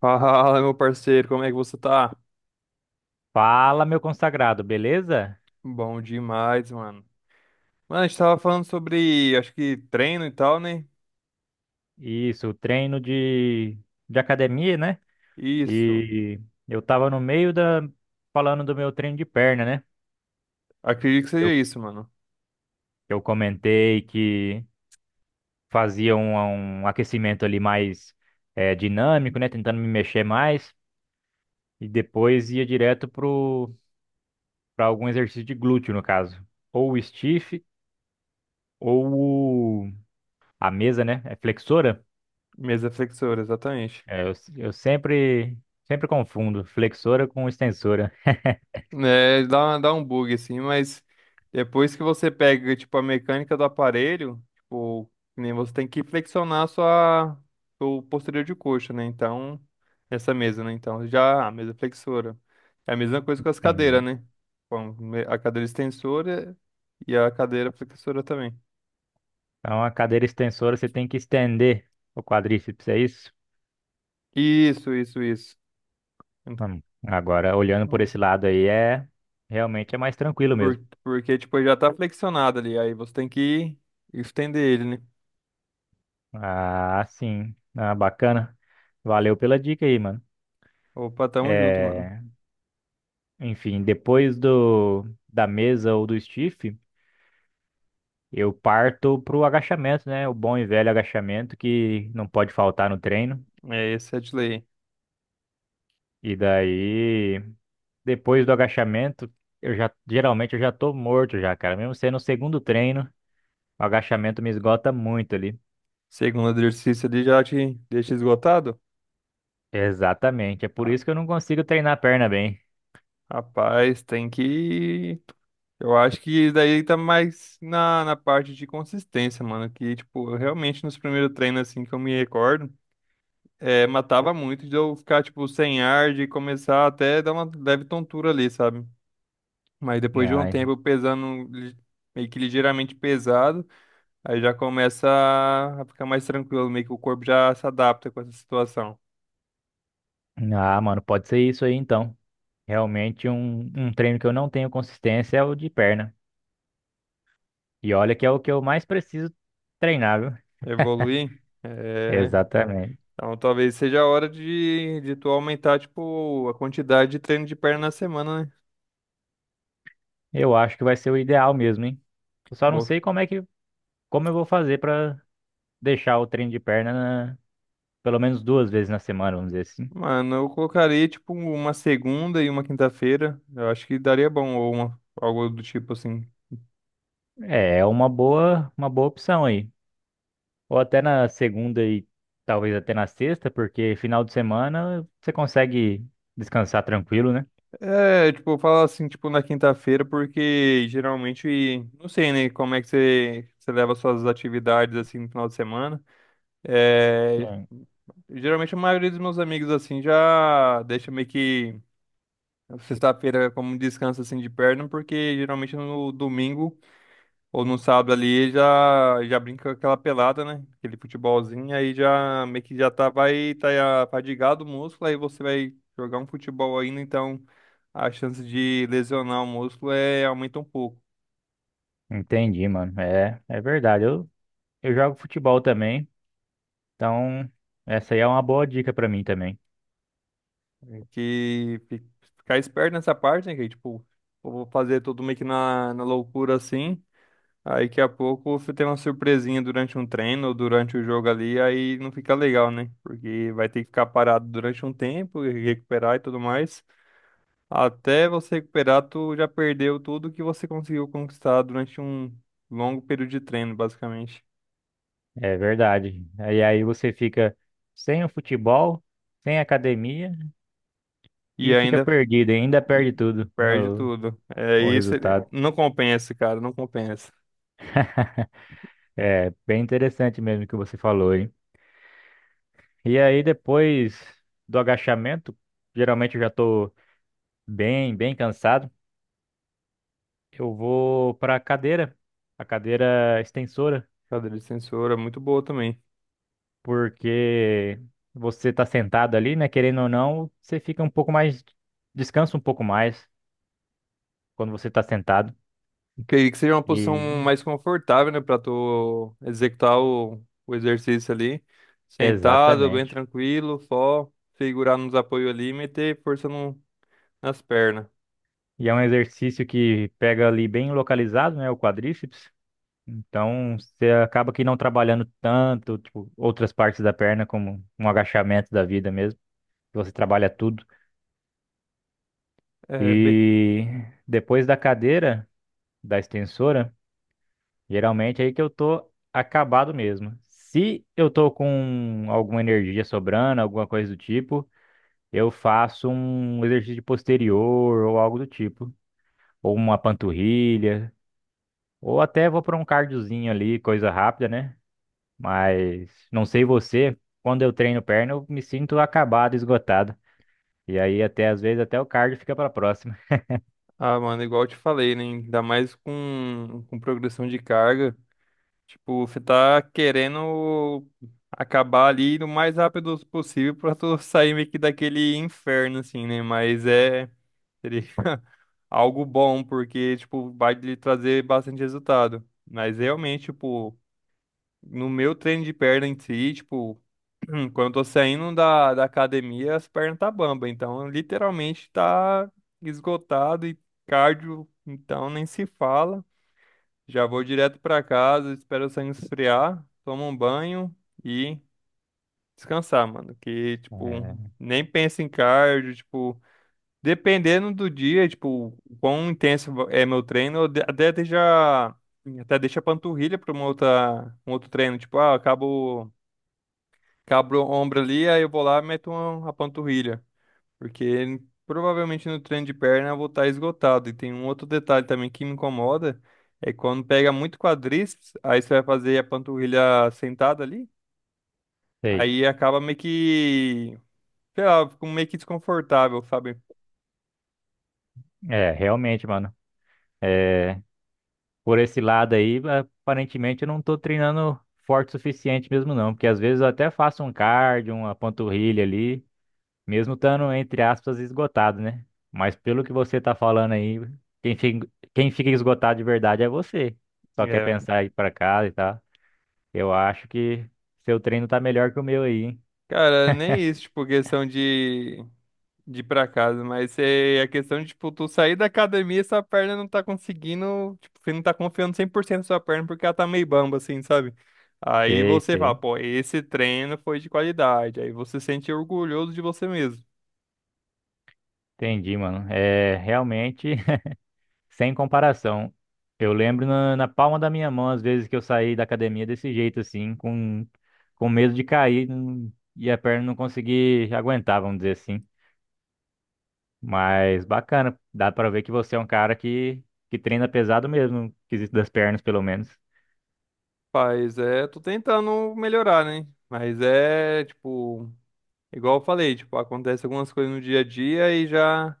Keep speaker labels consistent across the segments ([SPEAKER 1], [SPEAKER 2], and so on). [SPEAKER 1] Fala, meu parceiro, como é que você tá?
[SPEAKER 2] Fala, meu consagrado, beleza?
[SPEAKER 1] Bom demais, mano. Mano, a gente tava falando sobre, acho que treino e tal, né?
[SPEAKER 2] Isso, treino de academia, né?
[SPEAKER 1] Isso.
[SPEAKER 2] E eu tava no meio da falando do meu treino de perna, né?
[SPEAKER 1] Acredito que
[SPEAKER 2] Eu,
[SPEAKER 1] seja isso, mano.
[SPEAKER 2] eu comentei que fazia um aquecimento ali mais dinâmico, né? Tentando me mexer mais e depois ia direto pro para algum exercício de glúteo, no caso, ou o stiff ou o- a mesa, né? É flexora.
[SPEAKER 1] Mesa flexora, exatamente.
[SPEAKER 2] É, eu sempre confundo flexora com extensora.
[SPEAKER 1] É, dá um bug assim, mas depois que você pega, tipo, a mecânica do aparelho, tipo, que nem você tem que flexionar a sua, o posterior de coxa, né? Então, essa mesa, né? Então, já a mesa flexora. É a mesma coisa com as cadeiras,
[SPEAKER 2] Entendi.
[SPEAKER 1] né? Bom, a cadeira extensora e a cadeira flexora também.
[SPEAKER 2] Então, a cadeira extensora você tem que estender o quadríceps, é isso?
[SPEAKER 1] Isso, isso, isso.
[SPEAKER 2] Agora, olhando por
[SPEAKER 1] Hum.
[SPEAKER 2] esse lado aí, realmente é mais tranquilo
[SPEAKER 1] Por,
[SPEAKER 2] mesmo.
[SPEAKER 1] porque, tipo, ele já tá flexionado ali, aí você tem que estender ele, né?
[SPEAKER 2] Ah, sim. Ah, bacana. Valeu pela dica aí, mano.
[SPEAKER 1] Opa, tamo junto, mano.
[SPEAKER 2] É, enfim, depois do da mesa ou do stiff, eu parto pro agachamento, né? O bom e velho agachamento que não pode faltar no treino.
[SPEAKER 1] É, esse é de lei.
[SPEAKER 2] E daí, depois do agachamento, eu já tô morto já, cara. Mesmo sendo o segundo treino, o agachamento me esgota muito ali.
[SPEAKER 1] Segundo exercício ali já te deixa esgotado?
[SPEAKER 2] Exatamente. É por
[SPEAKER 1] Ah,
[SPEAKER 2] isso que eu não consigo treinar a perna bem.
[SPEAKER 1] rapaz, tem que. Eu acho que daí tá mais na parte de consistência, mano. Que, tipo, eu realmente nos primeiros treinos, assim, que eu me recordo, é, matava muito de eu ficar, tipo, sem ar, de começar até dar uma leve tontura ali, sabe? Mas depois de um
[SPEAKER 2] Ai,
[SPEAKER 1] tempo pesando, meio que ligeiramente pesado, aí já começa a ficar mais tranquilo, meio que o corpo já se adapta com essa situação.
[SPEAKER 2] Ah, mano, pode ser isso aí então. Realmente um treino que eu não tenho consistência é o de perna. E olha que é o que eu mais preciso treinar, viu?
[SPEAKER 1] Evoluir. É,
[SPEAKER 2] Exatamente.
[SPEAKER 1] então, talvez seja a hora de tu aumentar, tipo, a quantidade de treino de perna na semana, né?
[SPEAKER 2] Eu acho que vai ser o ideal mesmo, hein? Eu só não
[SPEAKER 1] Bo-
[SPEAKER 2] sei como é que como eu vou fazer pra deixar o treino de perna pelo menos duas vezes na semana, vamos dizer assim.
[SPEAKER 1] Mano, eu colocaria, tipo, uma segunda e uma quinta-feira. Eu acho que daria bom, ou algo do tipo assim.
[SPEAKER 2] É, uma boa opção aí. Ou até na segunda e talvez até na sexta, porque final de semana você consegue descansar tranquilo, né?
[SPEAKER 1] É, tipo, eu falo assim, tipo, na quinta-feira, porque geralmente, não sei, né, como é que você, você leva suas atividades, assim, no final de semana. É,
[SPEAKER 2] Sim.
[SPEAKER 1] geralmente a maioria dos meus amigos, assim, já deixa meio que. Sexta-feira é como um descanso assim de perna, porque geralmente no domingo ou no sábado ali já brinca aquela pelada, né? Aquele futebolzinho, aí já meio que já tá vai tá fadigado o músculo, aí você vai jogar um futebol ainda, então a chance de lesionar o músculo é aumenta um pouco.
[SPEAKER 2] Entendi, mano. É, é verdade. Eu jogo futebol também, então essa aí é uma boa dica pra mim também.
[SPEAKER 1] É que fi- ficar esperto nessa parte, né? Que tipo, eu vou fazer tudo meio que na loucura assim. Aí daqui a pouco você tem uma surpresinha durante um treino ou durante o jogo ali, aí não fica legal, né? Porque vai ter que ficar parado durante um tempo, e recuperar e tudo mais. Até você recuperar, tu já perdeu tudo que você conseguiu conquistar durante um longo período de treino, basicamente.
[SPEAKER 2] É verdade. Aí você fica sem o futebol, sem academia
[SPEAKER 1] E
[SPEAKER 2] e fica
[SPEAKER 1] ainda
[SPEAKER 2] perdido, e ainda
[SPEAKER 1] E
[SPEAKER 2] perde tudo
[SPEAKER 1] perde tudo. É
[SPEAKER 2] o, o
[SPEAKER 1] isso,
[SPEAKER 2] resultado.
[SPEAKER 1] não compensa, cara, não compensa.
[SPEAKER 2] É bem interessante mesmo o que você falou, hein? E aí, depois do agachamento, geralmente eu já tô bem cansado. Eu vou para a cadeira extensora,
[SPEAKER 1] Cadeira de sensor é muito boa também.
[SPEAKER 2] porque você tá sentado ali, né? Querendo ou não, você fica um pouco mais, descansa um pouco mais quando você tá sentado.
[SPEAKER 1] Creio que seja uma posição
[SPEAKER 2] E
[SPEAKER 1] mais confortável, né, para tu executar o exercício ali, sentado, bem
[SPEAKER 2] exatamente.
[SPEAKER 1] tranquilo, só segurar nos apoios ali e meter força no, nas pernas.
[SPEAKER 2] E é um exercício que pega ali bem localizado, né? O quadríceps. Então, você acaba que não trabalhando tanto, tipo, outras partes da perna, como um agachamento da vida mesmo, que você trabalha tudo.
[SPEAKER 1] É bem
[SPEAKER 2] E depois da cadeira, da extensora, geralmente é aí que eu tô acabado mesmo. Se eu tô com alguma energia sobrando, alguma coisa do tipo, eu faço um exercício de posterior ou algo do tipo, ou uma panturrilha, ou até vou para um cardiozinho ali, coisa rápida, né? Mas não sei você, quando eu treino perna, eu me sinto acabado, esgotado. E aí até às vezes até o cardio fica para próxima.
[SPEAKER 1] Ah, mano, igual eu te falei, né? Ainda mais com progressão de carga. Tipo, você tá querendo acabar ali no mais rápido possível pra tu sair meio que daquele inferno, assim, né? Mas seria algo bom, porque, tipo, vai lhe trazer bastante resultado. Mas realmente, tipo, no meu treino de perna em si, tipo, quando eu tô saindo da academia, as pernas tá bamba, então literalmente tá esgotado e cardio, então nem se fala. Já vou direto pra casa, espero o sangue esfriar, tomo um banho e descansar, mano. Que, tipo,
[SPEAKER 2] É,
[SPEAKER 1] nem penso em cardio, tipo, dependendo do dia, tipo, o quão intenso é meu treino, eu até deixa a panturrilha pra uma outra, um outro treino, tipo, ah, acabo. Cabro o ombro ali, aí eu vou lá e meto uma, a panturrilha. Porque provavelmente no treino de perna eu vou estar esgotado. E tem um outro detalhe também que me incomoda, é quando pega muito quadríceps, aí você vai fazer a panturrilha sentada ali,
[SPEAKER 2] sei.
[SPEAKER 1] aí acaba meio que, sei lá, eu fico meio que desconfortável, sabe?
[SPEAKER 2] É, realmente, mano. É, por esse lado aí, aparentemente eu não tô treinando forte o suficiente mesmo não, porque às vezes eu até faço um cardio, uma panturrilha ali, mesmo estando entre aspas esgotado, né? Mas pelo que você tá falando aí, quem fica, quem fica esgotado de verdade é você. Só quer
[SPEAKER 1] É.
[SPEAKER 2] pensar em ir para casa e tal. Eu acho que seu treino tá melhor que o meu aí, hein?
[SPEAKER 1] Cara, nem isso, tipo, questão de ir pra casa, mas é a questão de, tipo, tu sair da academia e sua perna não tá conseguindo, tipo, você não tá confiando 100% na sua perna porque ela tá meio bamba, assim, sabe? Aí
[SPEAKER 2] Sei,
[SPEAKER 1] você fala,
[SPEAKER 2] sei.
[SPEAKER 1] pô, esse treino foi de qualidade, aí você se sente orgulhoso de você mesmo.
[SPEAKER 2] Entendi, mano. É realmente sem comparação. Eu lembro na, palma da minha mão, às vezes que eu saí da academia desse jeito, assim, com medo de cair e a perna não conseguir aguentar, vamos dizer assim. Mas bacana, dá pra ver que você é um cara que treina pesado mesmo, no quesito das pernas, pelo menos.
[SPEAKER 1] Paz, é, tô tentando melhorar, né? Mas é, tipo, igual eu falei, tipo, acontece algumas coisas no dia a dia e já,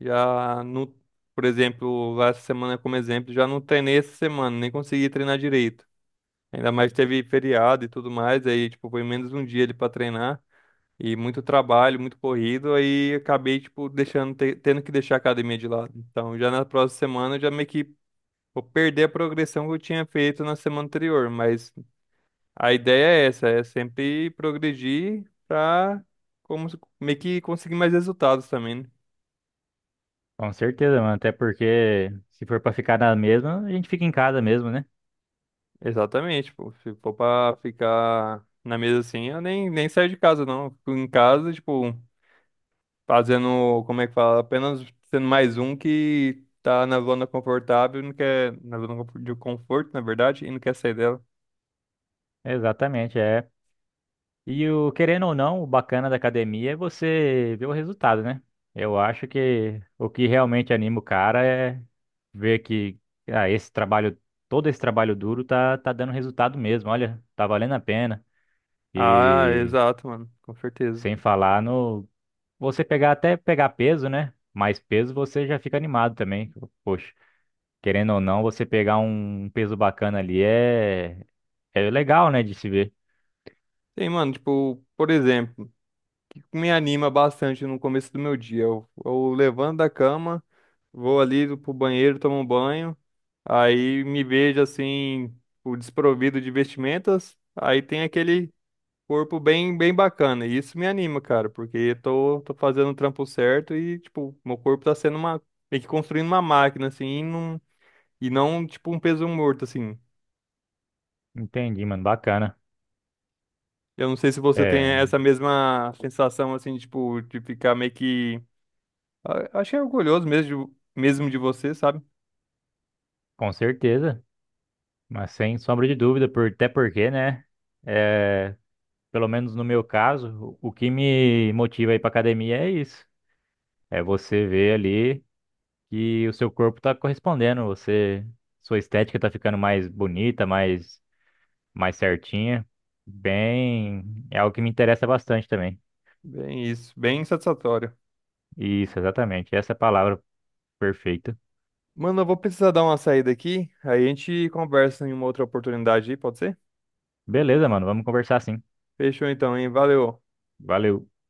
[SPEAKER 1] já no, por exemplo, lá essa semana como exemplo, já não treinei essa semana, nem consegui treinar direito. Ainda mais que teve feriado e tudo mais, aí, tipo, foi menos um dia ali pra treinar. E muito trabalho, muito corrido, aí acabei, tipo, deixando, tendo que deixar a academia de lado. Então, já na próxima semana, eu já meio que vou perder a progressão que eu tinha feito na semana anterior. Mas a ideia é essa, é sempre progredir pra como, se- meio que conseguir mais resultados também, né?
[SPEAKER 2] Com certeza, mano. Até porque se for pra ficar na mesma, a gente fica em casa mesmo, né?
[SPEAKER 1] Exatamente, pô. Se for pra ficar na mesa assim, eu nem saio de casa, não. Fico em casa, tipo. Fazendo, como é que fala? Apenas sendo mais um que tá na zona confortável, e não quer, de conforto, na verdade, e não quer sair dela.
[SPEAKER 2] Exatamente, é. E o querendo ou não, o bacana da academia é você ver o resultado, né? Eu acho que o que realmente anima o cara é ver que ah, esse trabalho, todo esse trabalho duro tá dando resultado mesmo. Olha, tá valendo a pena.
[SPEAKER 1] Ah,
[SPEAKER 2] E
[SPEAKER 1] exato, mano, com certeza.
[SPEAKER 2] sem falar no você pegar até pegar peso, né? Mais peso você já fica animado também. Poxa, querendo ou não, você pegar um peso bacana ali é legal, né, de se ver.
[SPEAKER 1] Tem, mano, tipo, por exemplo, o que me anima bastante no começo do meu dia. Eu levanto da cama, vou ali pro banheiro, tomo um banho, aí me vejo assim, o desprovido de vestimentas. Aí tem aquele corpo bem, bem bacana. E isso me anima, cara, porque eu tô fazendo o trampo certo e, tipo, meu corpo tá sendo uma, meio que construindo uma máquina, assim, e não, tipo, um peso morto, assim.
[SPEAKER 2] Entendi, mano, bacana.
[SPEAKER 1] Eu não sei se você tem
[SPEAKER 2] É,
[SPEAKER 1] essa mesma sensação, assim, tipo, de ficar meio que, achei orgulhoso mesmo, mesmo de você, sabe?
[SPEAKER 2] com certeza. Mas sem sombra de dúvida, por, até porque, né? É, pelo menos no meu caso, o que me motiva a ir para academia é isso. É você ver ali que o seu corpo tá correspondendo, você, sua estética tá ficando mais bonita, mais certinha. Bem, é algo que me interessa bastante também.
[SPEAKER 1] Bem isso, bem satisfatório.
[SPEAKER 2] Isso, exatamente. Essa é a palavra perfeita.
[SPEAKER 1] Mano, eu vou precisar dar uma saída aqui, aí a gente conversa em uma outra oportunidade aí, pode ser?
[SPEAKER 2] Beleza, mano, vamos conversar sim.
[SPEAKER 1] Fechou então, hein? Valeu.
[SPEAKER 2] Valeu.